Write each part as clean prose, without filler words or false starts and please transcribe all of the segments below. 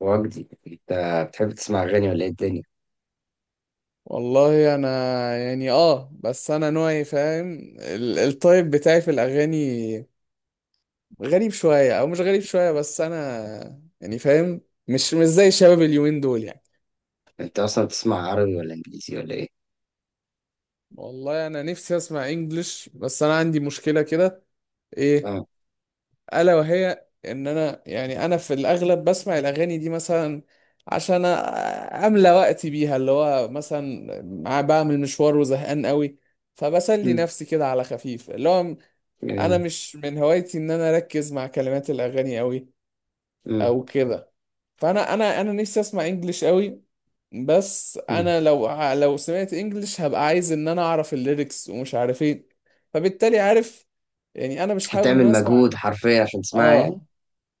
وجدي، انت بتحب تسمع اغاني ولا ايه الدنيا؟ والله انا يعني بس انا نوعي فاهم التايب بتاعي في الاغاني غريب شويه او مش غريب شويه بس انا يعني فاهم مش زي شباب اليومين دول يعني. انت اصلا بتسمع عربي ولا انجليزي ولا ايه؟ والله انا نفسي اسمع انجلش بس انا عندي مشكله كده ايه اه. الا وهي ان انا يعني انا في الاغلب بسمع الاغاني دي مثلا عشان املى وقتي بيها اللي هو مثلا بعمل مشوار وزهقان قوي فبسلي امم، نفسي كده على خفيف اللي هو انا جميل. مش من هوايتي ان انا اركز مع كلمات الاغاني قوي امم. او كده فانا انا انا نفسي اسمع انجليش قوي بس امم. انا لو سمعت انجليش هبقى عايز ان انا اعرف الليركس ومش عارف ايه فبالتالي عارف يعني انا مش حابب ان هتعمل انا اسمع. مجهود حرفيا عشان تسمعها يعني؟ اه،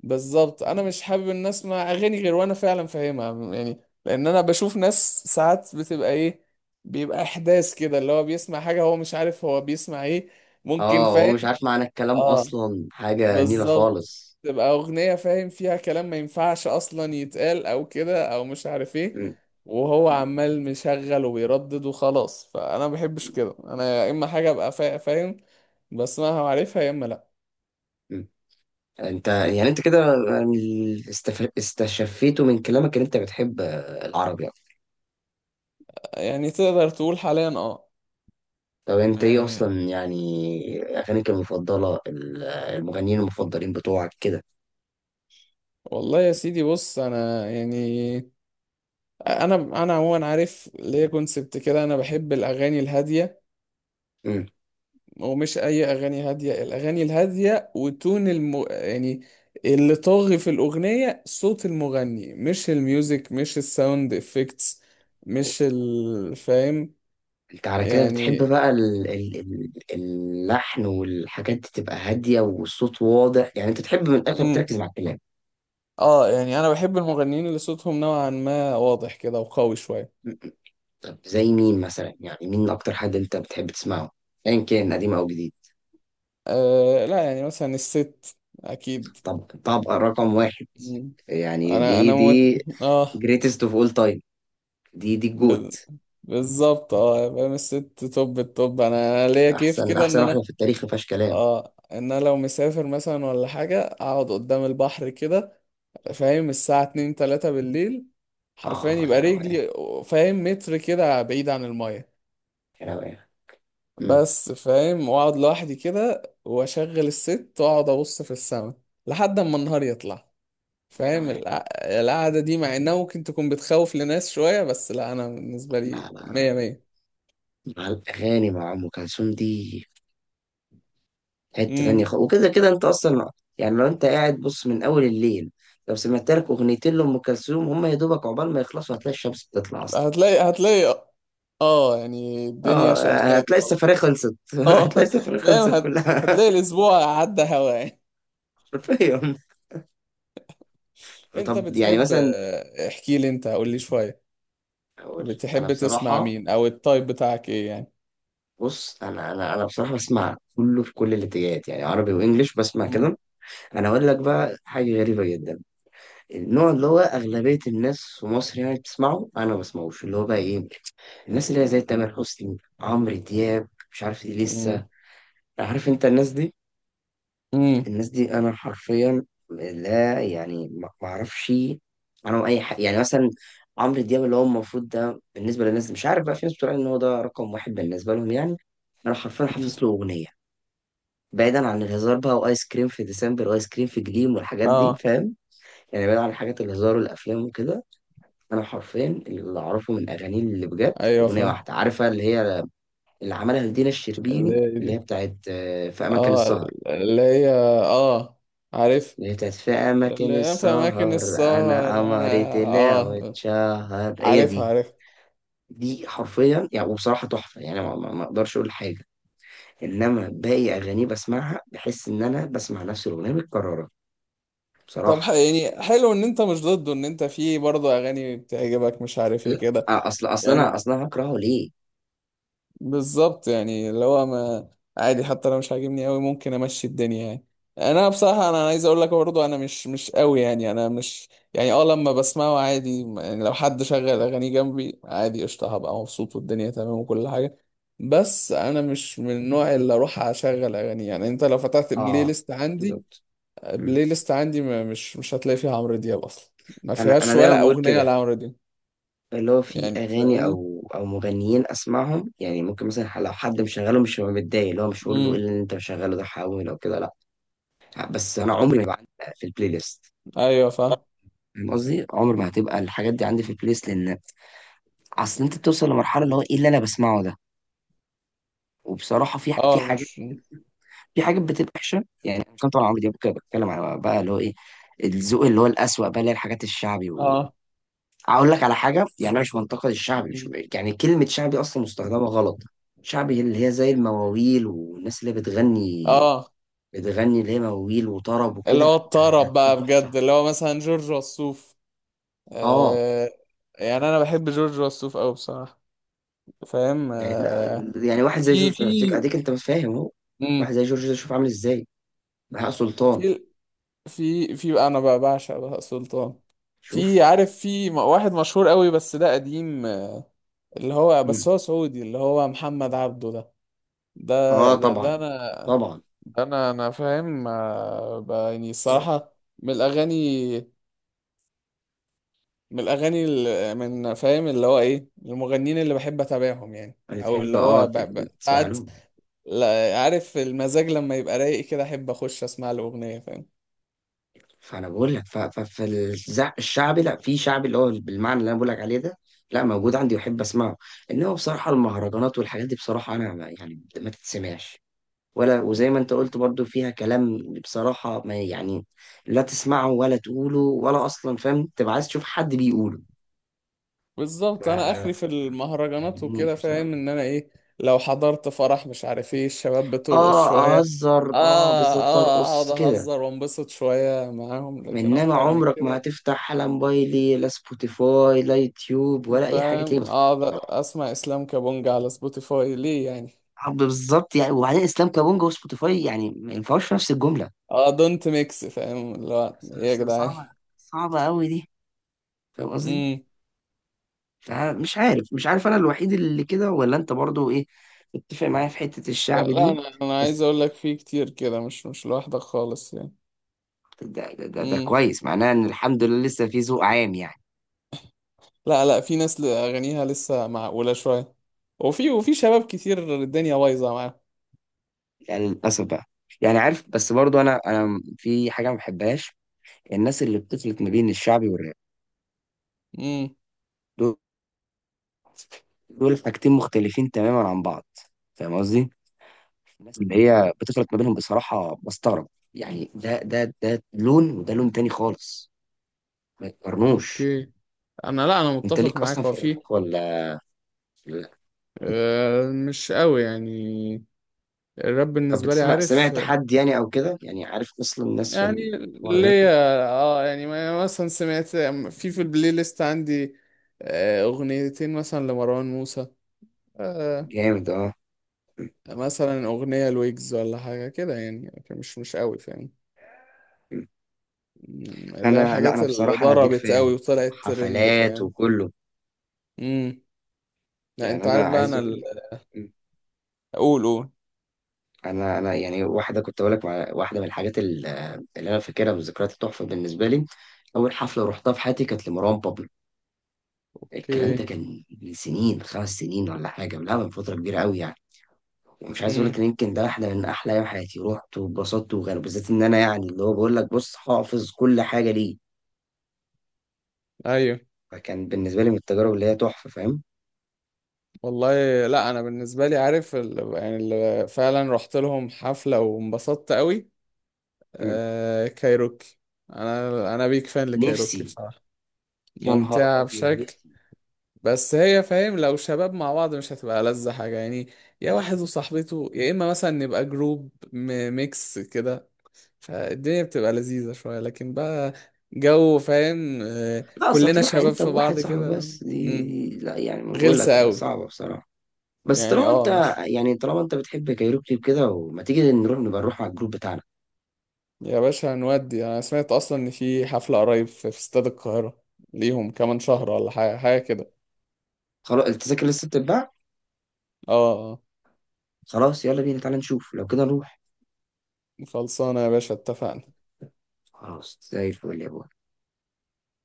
بالظبط انا مش حابب ان اسمع اغاني غير وانا فعلا فاهمها يعني لان انا بشوف ناس ساعات بتبقى ايه بيبقى احداث كده اللي هو بيسمع حاجة هو مش عارف هو بيسمع ايه ممكن اه، هو فاهم. مش عارف معنى الكلام اه، اصلا، حاجه نيله بالظبط خالص. تبقى أغنية فاهم فيها كلام ما ينفعش أصلا يتقال أو كده أو مش عارف إيه امم. وهو عمال مشغل وبيردد وخلاص فأنا ما بحبش كده أنا يا إما حاجة أبقى فاهم بسمعها وعارفها يا إما لأ. امم. انت يعني انت كده، استشفيته من كلامك ان انت بتحب العربي يعني. يعني تقدر تقول حاليا أه. طب انت ايه يعني اصلا، يعني اغانيك المفضله، المغنيين المفضلين بتوعك كده؟ والله يا سيدي بص أنا يعني أنا عموما عارف ليا كونسبت كده أنا بحب الأغاني الهادية امم. ومش اي اغاني هاديه الاغاني الهاديه وتون يعني اللي طاغي في الاغنيه صوت المغني مش الميوزك مش الساوند افكتس مش فاهم انت على كده يعني. بتحب بقى اللحن والحاجات دي تبقى هادية والصوت واضح، يعني انت تحب من الاخر مم. تركز مع الكلام. اه يعني انا بحب المغنيين اللي صوتهم نوعا ما واضح كده وقوي شويه. م- طب زي مين مثلا، يعني مين اكتر حد انت بتحب تسمعه؟ ايا كان قديم او جديد. آه لا يعني مثلا الست اكيد. طب، طبقة رقم 1. مم. يعني انا دي انا موت... دي اه. greatest of all time، دي ب... الجوت. بالظبط اه فاهم الست توب التوب انا ليا كيف احسن كده ان احسن واحدة انا، في التاريخ ما فيهاش كلام. اه، ان انا لو مسافر مثلا ولا حاجة اقعد قدام البحر كده فاهم الساعة اتنين تلاتة بالليل حرفيا اه، يبقى يا روقان. رجلي فاهم متر كده بعيد عن المية يا روقان. امم. بس فاهم واقعد لوحدي كده واشغل الست واقعد ابص في السماء لحد اما النهار يطلع يا فاهم روقان. القعدة دي مع انها ممكن تكون بتخوف لناس شوية بس لا انا بالنسبة لا لي لا مية لا. مية. مع الاغاني مع ام كلثوم دي حتة امم. تانية خالص، وكده كده انت اصلا. يعني لو انت قاعد بص من اول الليل، لو سمعت لك 2 اغاني لام كلثوم هم يا دوبك عقبال ما يخلصوا هتلاقي الشمس بتطلع اصلا. هتلاقي اه يعني اه. الدنيا شقشقت هتلاقي خلاص. السفرية خلصت اه هتلاقي السفرية فاهم خلصت كلها. هتلاقي الاسبوع عدى هوا يعني. حرفيا. انت طب يعني بتحب، مثلا، احكي لي انت قول لي شوية اقول انا بتحب تسمع بصراحة. مين او التايب بتاعك ايه يعني. بص، انا بصراحة بسمع كله في كل الاتجاهات، يعني عربي وانجليش بسمع امم. كده. انا اقول لك بقى حاجة غريبة جدا. النوع اللي هو اغلبية الناس في مصر يعني بتسمعه انا ما بسمعوش، اللي هو بقى ايه، الناس اللي هي زي تامر حسني، عمرو دياب، مش عارف ايه امم. لسه. عارف انت الناس دي؟ امم. الناس دي انا حرفيا لا، يعني ما اعرفش. انا اي حاجه، يعني مثلا عمرو دياب اللي هو المفروض ده بالنسبه للناس مش عارف، بقى في ناس بتقول ان هو ده رقم 1 بالنسبه لهم يعني. انا حرفيا أمم. حافظ له اغنيه. بعيدا عن الهزار بقى، وايس كريم في ديسمبر وايس كريم في جليم والحاجات دي اه. فاهم، يعني بعيدا عن حاجات الهزار والافلام وكده. انا حرفيا اللي اعرفه من اغانيه اللي بجد ايوه اغنيه فاهم. واحده، عارفه اللي هي اللي عملها لدينا اللي الشربيني هي اللي هي دي. بتاعت في أماكن اه. السهر. اللي هي. اه، عارف. اللي هي بتاعت في اللي أماكن هي في اماكن السهر، أنا السهر انا. قمري طلع اه، واتشهر، هي عارفها دي. عارف. دي حرفيا يعني وبصراحة تحفة، يعني ما أقدرش أقول حاجة. إنما باقي أغانيه بسمعها بحس إن أنا بسمع نفس الأغنية متكررة طب بصراحة. يعني حلو ان انت مش ضده ان انت في برضه اغاني بتعجبك مش عارف ايه كده لا، أصل أصل أنا يعني. أصل أنا هكرهه ليه؟ بالظبط يعني اللي هو ما عادي حتى لو مش عاجبني قوي ممكن امشي الدنيا يعني. انا بصراحه انا عايز اقول لك برضه انا مش قوي يعني انا مش يعني اه لما بسمعه عادي يعني لو حد شغل اغاني جنبي عادي قشطه هبقى مبسوط والدنيا تمام وكل حاجه بس انا مش من النوع اللي اروح اشغل اغاني يعني انت لو فتحت بلاي آه، ليست عندي. بالظبط. مم. بلاي ليست عندي ما مش هتلاقي فيها عمرو دياب اصلا ما أنا فيهاش أنا دايما ولا بقول اغنيه كده. لعمرو دياب. اللي هو في يعني اغاني فاهمني. او مغنيين اسمعهم، يعني ممكن مثلا لو حد مشغله مش هبقى متضايق، اللي هو مش هقول له ايه امم. اللي انت مشغله ده، حاول او كده لا. بس انا عمري ما يبقى عندي في البلاي ليست. ايوه فاهم. فاهم قصدي، عمر ما هتبقى الحاجات دي عندي في البلاي ليست، لان اصل انت بتوصل لمرحله اللي هو ايه اللي انا بسمعه ده. وبصراحه في اه حاجات، مش. في حاجات بتبقى وحشه، يعني انا مش طبعا عمري دي بتكلم على بقى اللي هو ايه، الذوق اللي هو الأسوأ بقى، اللي هي الحاجات الشعبي. اه. اقول لك على حاجه، يعني أنا مش منتقد الشعبي، مش يعني كلمه شعبي اصلا مستخدمه غلط. شعبي اللي هي زي المواويل والناس اللي هي بتغني، اه بتغني اللي هي مواويل وطرب اللي وكده هو لا. ده ده الطرب ده بقى تحفه. بجد اللي هو مثلا جورج وسوف. اه. آه يعني انا بحب جورج وسوف قوي بصراحه فاهم يعني لا، آه. يعني واحد زي في جورج، في اديك انت مش فاهم اهو. واحد امم زي جورج ده شوف عامل ازاي. بهاء سلطان، في في انا بقى بعشق بهاء سلطان. في شوف. عارف في واحد مشهور قوي بس ده قديم، آه، اللي هو مم. بس هو سعودي اللي هو محمد عبده ده اه، ده ده, ده طبعا. انا طبعا. فاهم، آه، يعني الصراحه من الاغاني من فاهم اللي هو ايه المغنيين اللي بحب اتابعهم يعني او بتحب اللي اه هو تسمع ساعات له. عارف المزاج لما يبقى رايق كده احب اخش اسمع له اغنيه فاهم. فانا بقول لك فالشعبي، لا، في شعبي اللي هو بالمعنى اللي انا بقول لك عليه ده، لا موجود عندي واحب اسمعه. انما بصراحه المهرجانات والحاجات دي بصراحه انا يعني ما تتسمعش، ولا وزي مم. ما انت قلت برضو فيها كلام. بصراحه، ما يعني، لا تسمعه ولا تقوله ولا اصلا فاهم تبقى عايز تشوف حد بيقوله. ف- بالظبط انا ما اخري في المهرجانات وكده عجبنيش فاهم بصراحه ان انا ايه لو حضرت فرح مش عارف ايه الشباب بترقص اه، شويه. اهزر. اه. اه، بالظبط، اه ارقص اقعد كده. اهزر وانبسط شويه معاهم لكن انما اكتر من عمرك ما كده هتفتح لا موبايلي لا سبوتيفاي لا يوتيوب ولا اي حاجه تلاقيني فاهم بتفرج. اقعد اسمع اسلام كابونجا على سبوتيفاي ليه يعني. حب، بالظبط يعني. وبعدين اسلام كابونجا وسبوتيفاي يعني ما ينفعوش في نفس الجمله. اه دونت ميكس فاهم اللي هو ايه يا جدعان. صعبه، صعبه قوي دي. فاهم قصدي. امم. فمش عارف، مش عارف انا الوحيد اللي كده ولا انت برضو ايه، اتفق معايا في حته لا، الشعب لا، دي؟ انا عايز بس اقول لك في كتير كده مش لوحدك خالص يعني. ده امم. كويس، معناه ان الحمد لله لسه في ذوق عام يعني. لا، لا، في ناس اغانيها لسه معقوله شويه وفي شباب كتير الدنيا بايظه معاهم. يعني للاسف بقى. يعني عارف، بس برضو انا في حاجه ما بحبهاش، الناس اللي بتفلت ما بين الشعبي والراب. امم. دول حاجتين مختلفين تماما عن بعض، فاهم قصدي. الناس اللي هي بتفرق ما بينهم بصراحة بستغرب. يعني ده لون وده لون تاني خالص، ما يتقارنوش. اوكي. انا لا انا انت متفق ليك معاك اصلا في هو الراب في. ولا لا؟ آه مش قوي يعني. الراب طب بالنسبه لي بتسمع، عارف سمعت حد يعني او كده، يعني عارف اصلا الناس في يعني الحوار ليا الراب؟ اه يعني مثلا سمعت في البلاي ليست عندي، اغنيتين مثلا لمروان موسى، آه، جامد اه. مثلا أغنية لويجز ولا حاجة كده يعني لكن مش قوي فاهم. مم، اللي هي انا لا، الحاجات انا اللي بصراحة انا بيج ضربت فان، قوي وطلعت ترند حفلات فاهم. وكله. امم. لا يعني انت انا عارف بقى عايز انا اقول لك، اقول قول. انا يعني واحده كنت اقول لك واحده من الحاجات اللي انا فاكرها والذكريات التحفه بالنسبه لي. اول حفله رحتها في حياتي كانت لمروان بابلو. الكلام ده اوكي. كان من سنين، 5 سنين ولا حاجة، لا من فترة كبيرة قوي يعني. ومش عايز اقول امم. لك ان يمكن ده واحدة من احلى ايام حياتي، رحت واتبسطت، وغير بالذات ان انا يعني اللي هو بقول لك بص، حافظ كل حاجة ليه. ايوه. فكان بالنسبة لي من التجارب اللي هي تحفة، فاهم. والله. لا انا بالنسبة لي عارف يعني اللي فعلا رحت لهم حفلة وانبسطت قوي، مم. آه، كايروكي. انا بيك فان لكايروكي نفسي، بصراحة يا نهار ممتعة ابيض بشكل نفسي. بس هي فاهم لو شباب مع بعض مش هتبقى لذة حاجة يعني يا واحد وصاحبته يا إما مثلا نبقى جروب ميكس كده فالدنيا بتبقى لذيذة شوية لكن بقى جو فاهم، لا، اصل كلنا هتروح شباب انت في وواحد بعض صاحبك كده. بس مم، دي لا، يعني ما بقول غلسة لك أوي صعبة بصراحة. بس يعني. طالما اه انت، مش. يعني طالما انت بتحب كايروكي وكده، وما تيجي نروح، نبقى نروح على الجروب بتاعنا. يا باشا هنودي أنا سمعت أصلا إن في حفلة قريب في استاد القاهرة ليهم كمان شهر ولا حاجة حاجة كده. خلاص، التذاكر لسه بتتباع. اه آه. خلاص، يلا بينا، تعالى نشوف لو كده نروح. خلصانة يا باشا اتفقنا. خلاص، زي الفل يا بابا.